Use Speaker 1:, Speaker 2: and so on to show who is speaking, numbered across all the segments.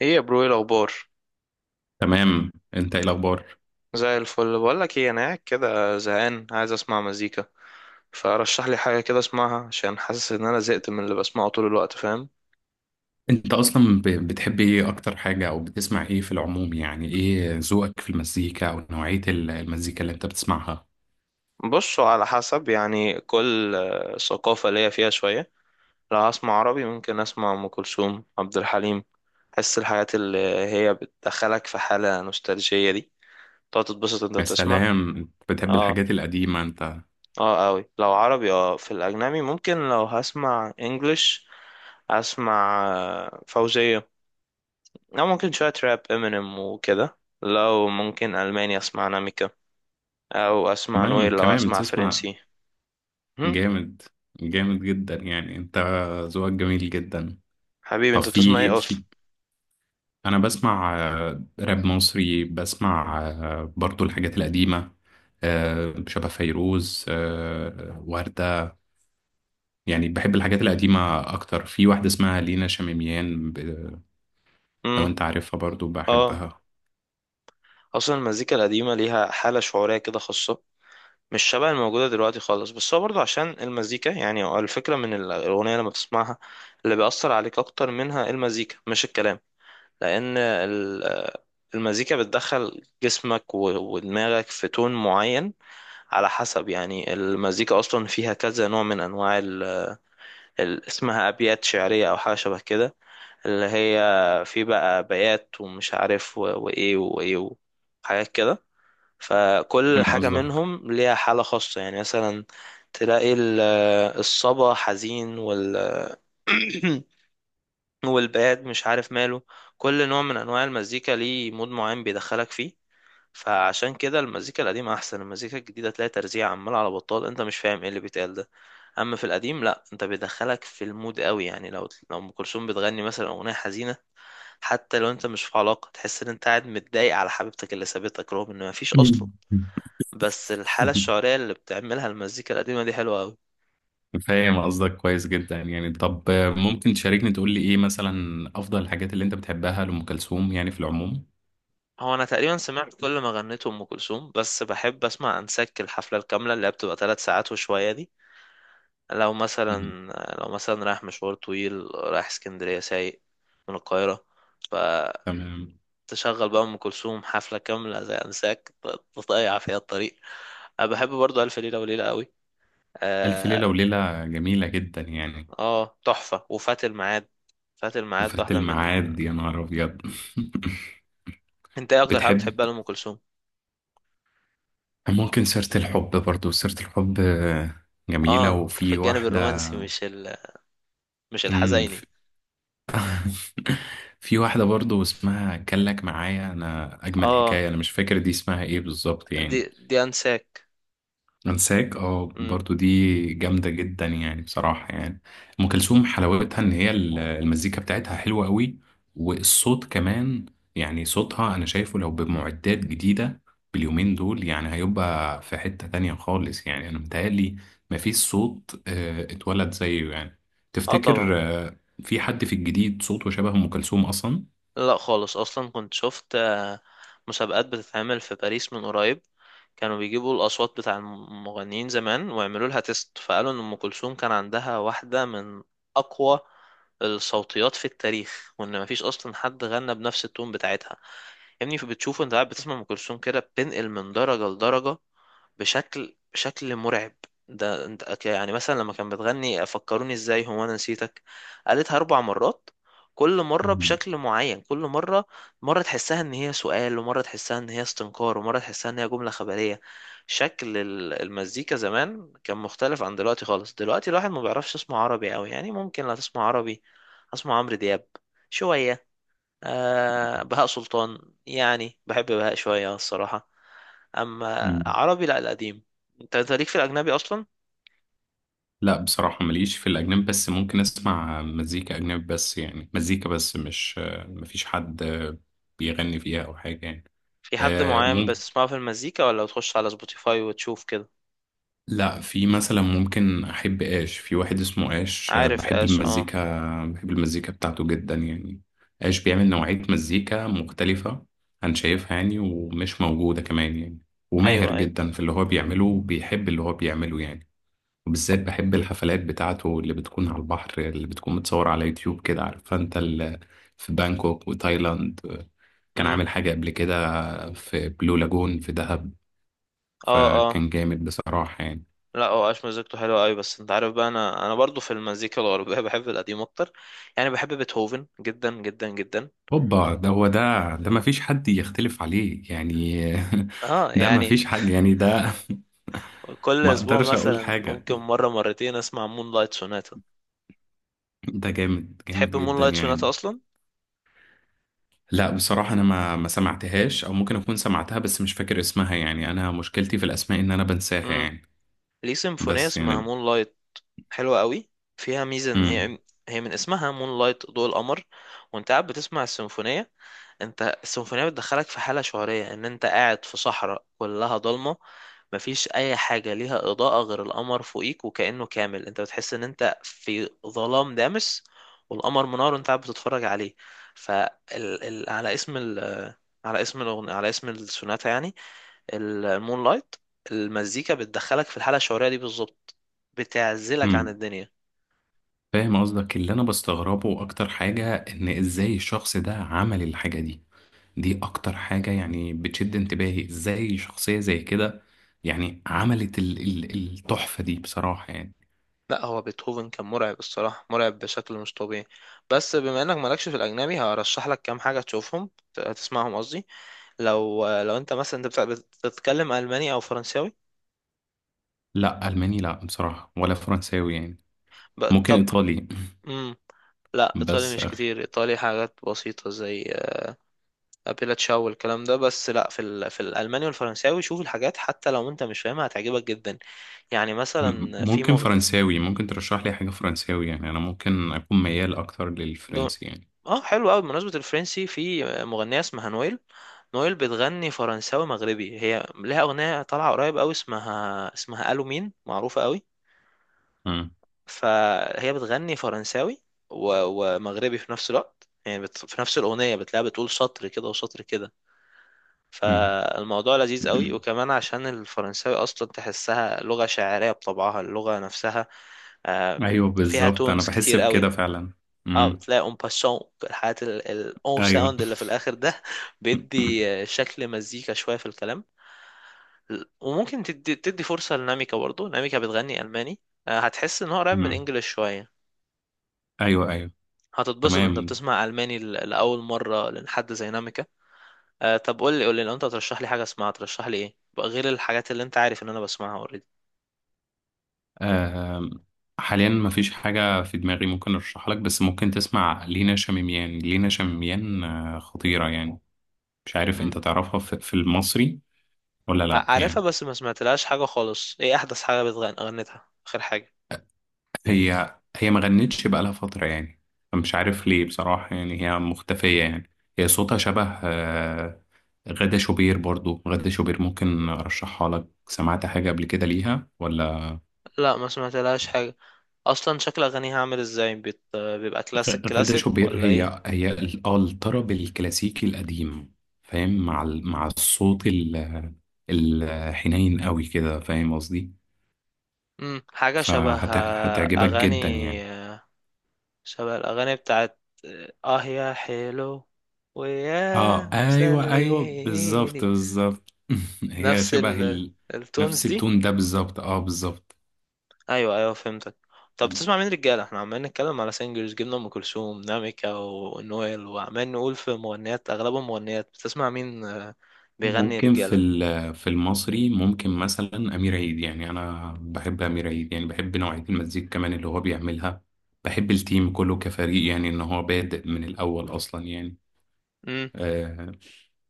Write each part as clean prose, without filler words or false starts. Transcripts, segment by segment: Speaker 1: ايه يا برو، ايه الاخبار؟
Speaker 2: تمام، انت ايه الاخبار؟
Speaker 1: زي الفل. بقول لك ايه، انا قاعد كده زهقان، عايز اسمع مزيكا. فرشح لي حاجه كده اسمعها عشان حاسس ان انا زهقت من اللي بسمعه طول الوقت، فاهم؟
Speaker 2: انت اصلا بتحب ايه اكتر حاجة او بتسمع ايه في العموم؟ يعني ايه ذوقك في المزيكا او نوعية المزيكا اللي انت بتسمعها؟
Speaker 1: بصوا، على حسب يعني كل ثقافه ليا فيها شويه. لو هسمع عربي ممكن اسمع ام كلثوم، عبد الحليم. حس الحاجات اللي هي بتدخلك في حاله نوستالجيه دي، تقعد تتبسط انت
Speaker 2: يا
Speaker 1: بتسمع.
Speaker 2: سلام، انت بتحب
Speaker 1: اه.
Speaker 2: الحاجات القديمة انت.
Speaker 1: اه قوي لو عربي. اه، في الاجنبي ممكن لو هسمع انجلش اسمع فوزية. أو ممكن شوية راب امينيم وكده. لو ممكن ألماني أسمع ناميكا، أو أسمع نويل
Speaker 2: تمام،
Speaker 1: لو
Speaker 2: كمان
Speaker 1: أسمع
Speaker 2: بتسمع.
Speaker 1: فرنسي. هم؟
Speaker 2: جامد، جامد جدا. يعني انت ذوقك جميل جدا.
Speaker 1: حبيبي،
Speaker 2: طب،
Speaker 1: أنت بتسمع
Speaker 2: في
Speaker 1: إيه أصلا؟
Speaker 2: في انا بسمع راب مصري، بسمع برضو الحاجات القديمة، شبه فيروز، وردة. يعني بحب الحاجات القديمة أكتر. في واحدة اسمها لينا شميميان لو
Speaker 1: مم.
Speaker 2: أنت عارفها برضو
Speaker 1: آه.
Speaker 2: بحبها.
Speaker 1: أصلا المزيكا القديمة ليها حالة شعورية كده خاصة، مش شبه الموجودة دلوقتي خالص. بس هو برضه عشان المزيكا، يعني هو الفكرة من الأغنية لما تسمعها اللي بيأثر عليك أكتر منها، المزيكا مش الكلام. لأن المزيكا بتدخل جسمك ودماغك في تون معين. على حسب، يعني المزيكا أصلا فيها كذا نوع من أنواع اسمها أبيات شعرية أو حاجة شبه كده، اللي هي في بقى بيات ومش عارف وإيه وإيه وحاجات كده. فكل
Speaker 2: فاهم
Speaker 1: حاجة
Speaker 2: قصدك.
Speaker 1: منهم ليها حالة خاصة. يعني مثلا تلاقي الصبا حزين، وال والباد مش عارف ماله. كل نوع من انواع المزيكا ليه مود معين بيدخلك فيه. فعشان كده المزيكا القديمة احسن. المزيكا الجديدة تلاقي ترزيع عمال على بطال، انت مش فاهم ايه اللي بيتقال ده. اما في القديم لا، انت بيدخلك في المود قوي. يعني لو ام كلثوم بتغني مثلا اغنية حزينة، حتى لو انت مش في علاقة تحس ان انت قاعد متضايق على حبيبتك اللي سابتك، رغم ان مفيش اصلا. بس الحالة الشعرية اللي بتعملها المزيكا القديمة دي حلوة قوي.
Speaker 2: فاهم قصدك كويس جدا. يعني طب، ممكن تشاركني تقول لي إيه مثلا أفضل الحاجات اللي أنت بتحبها لأم كلثوم يعني في العموم؟
Speaker 1: هو انا تقريبا سمعت كل ما غنيته ام كلثوم، بس بحب اسمع انسك، الحفله الكامله اللي هي بتبقى ثلاث ساعات وشويه دي. لو
Speaker 2: مم.
Speaker 1: مثلا، لو مثلا رايح مشوار طويل، رايح اسكندريه سايق من القاهره، فتشغل
Speaker 2: تمام.
Speaker 1: بقى ام كلثوم حفله كامله زي انساك، تضيع فيها الطريق. أنا بحب برضو الف ليله وليله قوي.
Speaker 2: ألف ليلة
Speaker 1: اه.
Speaker 2: وليلة جميلة جدا يعني.
Speaker 1: تحفه. وفات الميعاد، فات الميعاد
Speaker 2: فات
Speaker 1: واحده من...
Speaker 2: الميعاد، يا نهار أبيض!
Speaker 1: انت ايه اكتر حاجه
Speaker 2: بتحب،
Speaker 1: بتحبها لام كلثوم؟
Speaker 2: ممكن سيرة الحب، برضو سيرة الحب جميلة.
Speaker 1: اه، انت في
Speaker 2: وفي
Speaker 1: الجانب الرومانسي، مش ال... مش
Speaker 2: واحدة
Speaker 1: الحزيني.
Speaker 2: في واحدة برضو اسمها كان لك معايا، أنا أجمل
Speaker 1: اه،
Speaker 2: حكاية، أنا مش فاكر دي اسمها إيه بالظبط
Speaker 1: دي
Speaker 2: يعني.
Speaker 1: دي انساك.
Speaker 2: أنساك، أه،
Speaker 1: امم.
Speaker 2: برضو دي جامدة جدا يعني بصراحة يعني. أم كلثوم حلاوتها إن هي المزيكا بتاعتها حلوة قوي، والصوت كمان. يعني صوتها أنا شايفه لو بمعدات جديدة باليومين دول يعني هيبقى في حتة تانية خالص يعني، أنا متهيألي مفيش صوت اتولد زيه يعني.
Speaker 1: اه طبعا.
Speaker 2: تفتكر في حد في الجديد صوته شبه أم كلثوم أصلا؟
Speaker 1: لا خالص. اصلا كنت شفت مسابقات بتتعمل في باريس من قريب. كانوا بيجيبوا الاصوات بتاع المغنيين زمان ويعملوا لها تيست، فقالوا ان ام كلثوم كان عندها واحده من اقوى الصوتيات في التاريخ، وان مفيش اصلا حد غنى بنفس التون بتاعتها. يا ابني بتشوف انت قاعد بتسمع ام كلثوم كده بتنقل من درجه لدرجه بشكل مرعب. ده انت يعني مثلا لما كان بتغني فكروني ازاي، هو انا نسيتك، قالتها اربع مرات، كل مرة
Speaker 2: مم.
Speaker 1: بشكل معين. كل مرة، مرة تحسها ان هي سؤال، ومرة تحسها ان هي استنكار، ومرة تحسها ان هي جملة خبرية. شكل المزيكا زمان كان مختلف عن دلوقتي خالص. دلوقتي الواحد ما بيعرفش يسمع عربي قوي. يعني ممكن لا تسمع عربي، اسمع عمرو دياب شوية، آه بهاء سلطان. يعني بحب بهاء شوية الصراحة. أما
Speaker 2: مم.
Speaker 1: عربي لا، القديم. أنت ليك في الأجنبي أصلا؟
Speaker 2: لا بصراحة ماليش في الأجنبي، بس ممكن أسمع مزيكا أجنبي، بس يعني مزيكا بس، مش مفيش حد بيغني فيها أو حاجة يعني.
Speaker 1: في حد
Speaker 2: آه،
Speaker 1: معين
Speaker 2: مم...
Speaker 1: بتسمعه في المزيكا، ولا بتخش على سبوتيفاي وتشوف كده؟
Speaker 2: لا، في مثلا ممكن أحب آش. في واحد اسمه آش،
Speaker 1: عارف
Speaker 2: بحب
Speaker 1: آش، أه.
Speaker 2: المزيكا، بحب المزيكا بتاعته جدا يعني. آش بيعمل نوعية مزيكا مختلفة عن شايفها يعني، ومش موجودة كمان يعني. وماهر
Speaker 1: أيوه أيوه.
Speaker 2: جدا في اللي هو بيعمله، وبيحب اللي هو بيعمله يعني. وبالذات بحب الحفلات بتاعته اللي بتكون على البحر، اللي بتكون متصورة على يوتيوب كده، عارف انت في بانكوك وتايلاند كان
Speaker 1: أمم.
Speaker 2: عامل حاجة قبل كده، في بلو لاجون في دهب.
Speaker 1: أه أه.
Speaker 2: فكان جامد بصراحة يعني.
Speaker 1: لا، هو آش مزيكته حلوة أوي. بس أنت عارف بقى، أنا برضو في المزيكا الغربية بحب القديم أكتر. يعني بحب بيتهوفن جدا جدا جدا.
Speaker 2: هوبا، ده هو ده، ما فيش حد يختلف عليه يعني.
Speaker 1: أه
Speaker 2: ده ما
Speaker 1: يعني
Speaker 2: فيش حاجة يعني ده.
Speaker 1: كل
Speaker 2: ما
Speaker 1: أسبوع
Speaker 2: اقدرش اقول
Speaker 1: مثلا
Speaker 2: حاجة،
Speaker 1: ممكن مرة مرتين أسمع مون لايت سوناتا.
Speaker 2: ده جامد، جامد
Speaker 1: تحب مون
Speaker 2: جدا
Speaker 1: لايت سوناتا
Speaker 2: يعني.
Speaker 1: أصلا؟
Speaker 2: لا بصراحة أنا ما سمعتهاش، أو ممكن أكون سمعتها بس مش فاكر اسمها يعني. أنا مشكلتي في الأسماء إن أنا بنساها يعني.
Speaker 1: ليه سيمفونية
Speaker 2: بس
Speaker 1: اسمها
Speaker 2: يعني.
Speaker 1: مون لايت، حلوة قوي. فيها ميزة ان
Speaker 2: امم.
Speaker 1: هي، هي من اسمها مون لايت، ضوء القمر. وانت قاعد بتسمع السيمفونية، انت السيمفونية بتدخلك في حالة شعورية ان انت قاعد في صحراء كلها ضلمة، مفيش اي حاجة ليها اضاءة غير القمر فوقيك، وكأنه كامل انت بتحس ان انت في ظلام دامس، والقمر منار وانت قاعد بتتفرج عليه. فال... ال... ال... على اسم ال... على اسم الأغنية، على اسم السوناتا يعني، المون لايت. المزيكا بتدخلك في الحالة الشعورية دي بالظبط، بتعزلك عن
Speaker 2: امم.
Speaker 1: الدنيا.
Speaker 2: فاهم قصدك. اللي انا بستغربه اكتر حاجة ان ازاي الشخص ده عمل الحاجة دي. دي اكتر حاجة يعني بتشد انتباهي، ازاي شخصية زي كده يعني عملت ال التحفة دي بصراحة يعني.
Speaker 1: لا، هو بيتهوفن كان مرعب الصراحة، مرعب بشكل مش طبيعي. بس بما انك مالكش في الأجنبي، هرشح لك كام حاجة تشوفهم، تسمعهم قصدي. لو انت مثلا، انت بتتكلم ألماني أو فرنساوي؟
Speaker 2: لا الماني لا بصراحة، ولا فرنساوي يعني. ممكن
Speaker 1: طب.
Speaker 2: ايطالي،
Speaker 1: مم. لا ايطالي
Speaker 2: بس
Speaker 1: مش
Speaker 2: اخري.
Speaker 1: كتير. ايطالي حاجات بسيطه زي ابيلا تشاو والكلام ده بس. لا في ال... في الالماني والفرنساوي شوف الحاجات، حتى لو انت مش فاهمها هتعجبك جدا. يعني مثلا في
Speaker 2: ممكن فرنساوي، ممكن ترشح لي حاجة فرنساوي يعني، انا ممكن اكون ميال اكتر
Speaker 1: ب...
Speaker 2: للفرنسي يعني.
Speaker 1: اه حلو قوي. بمناسبة الفرنسي، في مغنية اسمها نويل. نويل بتغني فرنساوي مغربي، هي لها أغنية طالعة قريب قوي اسمها ألو مين، معروفة قوي.
Speaker 2: امم.
Speaker 1: فهي بتغني فرنساوي ومغربي في نفس الوقت. يعني في نفس الأغنية بتلاقيها بتقول سطر كده وسطر كده، فالموضوع لذيذ قوي.
Speaker 2: امم.
Speaker 1: وكمان عشان الفرنساوي أصلا تحسها لغة شاعرية بطبعها، اللغة نفسها آه،
Speaker 2: ايوه
Speaker 1: فيها
Speaker 2: بالظبط، انا
Speaker 1: تونز
Speaker 2: بحس
Speaker 1: كتير قوي.
Speaker 2: بكده فعلا.
Speaker 1: اه
Speaker 2: امم.
Speaker 1: بتلاقي اون باسون، الحاجات او
Speaker 2: ايوه.
Speaker 1: ساوند اللي في الاخر ده بيدي شكل مزيكا شويه في الكلام. وممكن تدي فرصه لناميكا برضو. ناميكا بتغني الماني، هتحس ان هو قريب من
Speaker 2: امم.
Speaker 1: الانجليش شويه.
Speaker 2: ايوه، ايوه.
Speaker 1: هتتبسط انت
Speaker 2: تمام.
Speaker 1: بتسمع الماني لاول مره لحد زي ناميكا. طب قول لي، قول لي لو انت ترشح لي حاجه اسمعها، ترشح لي ايه بقى غير الحاجات اللي انت عارف ان انا بسمعها اوريدي.
Speaker 2: آم، حاليا مفيش حاجه في دماغي ممكن ارشحها لك، بس ممكن تسمع لينا شميميان. لينا شميميان خطيره يعني. مش عارف انت تعرفها في المصري ولا لا
Speaker 1: عارفها
Speaker 2: يعني.
Speaker 1: بس ما سمعتلهاش حاجه خالص. ايه احدث حاجه بتغني، غنتها اخر حاجه؟
Speaker 2: هي ما غنتش بقالها فتره يعني. مش عارف ليه بصراحه يعني، هي مختفيه يعني. هي صوتها شبه غادة شوبير. برضو غادة شوبير ممكن أرشحها لك، سمعت حاجة قبل كده ليها ولا؟
Speaker 1: لا ما سمعت لهاش حاجة. اصلا شكل اغانيها عامل ازاي؟ بيبقى كلاسيك
Speaker 2: غادة
Speaker 1: كلاسيك
Speaker 2: شوبير
Speaker 1: ولا ايه؟
Speaker 2: هي الطرب الكلاسيكي القديم، فاهم؟ مع الصوت الحنين قوي كده، فاهم قصدي؟
Speaker 1: حاجة شبه
Speaker 2: فهتعجبك
Speaker 1: اغاني
Speaker 2: جدا يعني.
Speaker 1: آه، شبه الاغاني بتاعت اه يا حلو،
Speaker 2: اه
Speaker 1: ويا
Speaker 2: ايوه، ايوه بالظبط،
Speaker 1: مسليني.
Speaker 2: بالظبط. هي
Speaker 1: نفس
Speaker 2: شبه
Speaker 1: ال... التونز
Speaker 2: نفس
Speaker 1: دي.
Speaker 2: التون ده بالظبط، اه بالظبط.
Speaker 1: ايوه ايوه فهمتك. طب بتسمع مين رجاله؟ احنا عمالين نتكلم على سingers، جبنا ام كلثوم، ناميكا، ونويل، وعمال نقول في مغنيات، اغلبهم مغنيات. بتسمع مين بيغني
Speaker 2: ممكن في
Speaker 1: رجاله؟
Speaker 2: في المصري ممكن مثلا أمير عيد. يعني أنا بحب أمير عيد، يعني بحب نوعية المزيكا كمان اللي هو بيعملها. بحب التيم كله كفريق، يعني إن هو بادئ من الأول أصلا يعني. أه.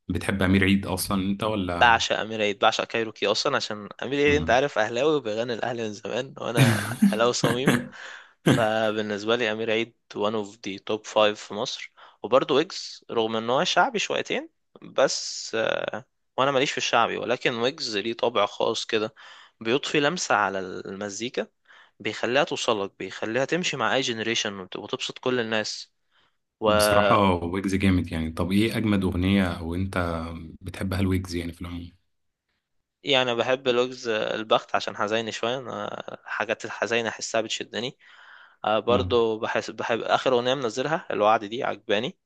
Speaker 2: بتحب أمير عيد أصلا أنت ولا؟
Speaker 1: بعشق امير عيد، بعشق كايروكي. اصلا عشان امير عيد انت
Speaker 2: مم.
Speaker 1: عارف اهلاوي، وبيغني الاهلي من زمان، وانا اهلاوي صميم. فبالنسبه لي امير عيد one of the top 5 في مصر. وبرضه ويجز، رغم ان هو شعبي شويتين، بس وانا ماليش في الشعبي، ولكن ويجز ليه طابع خاص كده، بيضفي لمسه على المزيكا، بيخليها توصلك، بيخليها تمشي مع اي جنريشن وتبسط كل الناس. و...
Speaker 2: بصراحة ويجز جامد يعني. طب إيه أجمد أغنية أو أنت بتحبها الويجز يعني في العموم؟
Speaker 1: يعني أنا بحب لغز البخت عشان حزيني شوية، أنا الحاجات الحزينة أحسها بتشدني. آه
Speaker 2: مم.
Speaker 1: برضو بحس، بحب آخر أغنية منزلها الوعد دي، عجباني.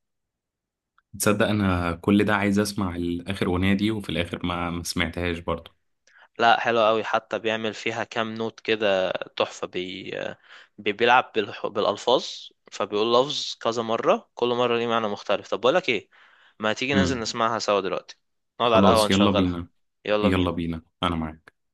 Speaker 2: تصدق أنا كل ده عايز أسمع الآخر أغنية دي، وفي الآخر ما سمعتهاش برضه.
Speaker 1: لا حلوة قوي، حتى بيعمل فيها كام نوت كده تحفة. بيلعب بالألفاظ، فبيقول لفظ كذا مرة كل مرة ليه معنى مختلف. طب بقولك إيه، ما تيجي ننزل نسمعها سوا دلوقتي، نقعد على القهوة
Speaker 2: خلاص يلا
Speaker 1: نشغلها.
Speaker 2: بينا.
Speaker 1: يلا
Speaker 2: يلا
Speaker 1: بينا.
Speaker 2: بينا. انا معاك.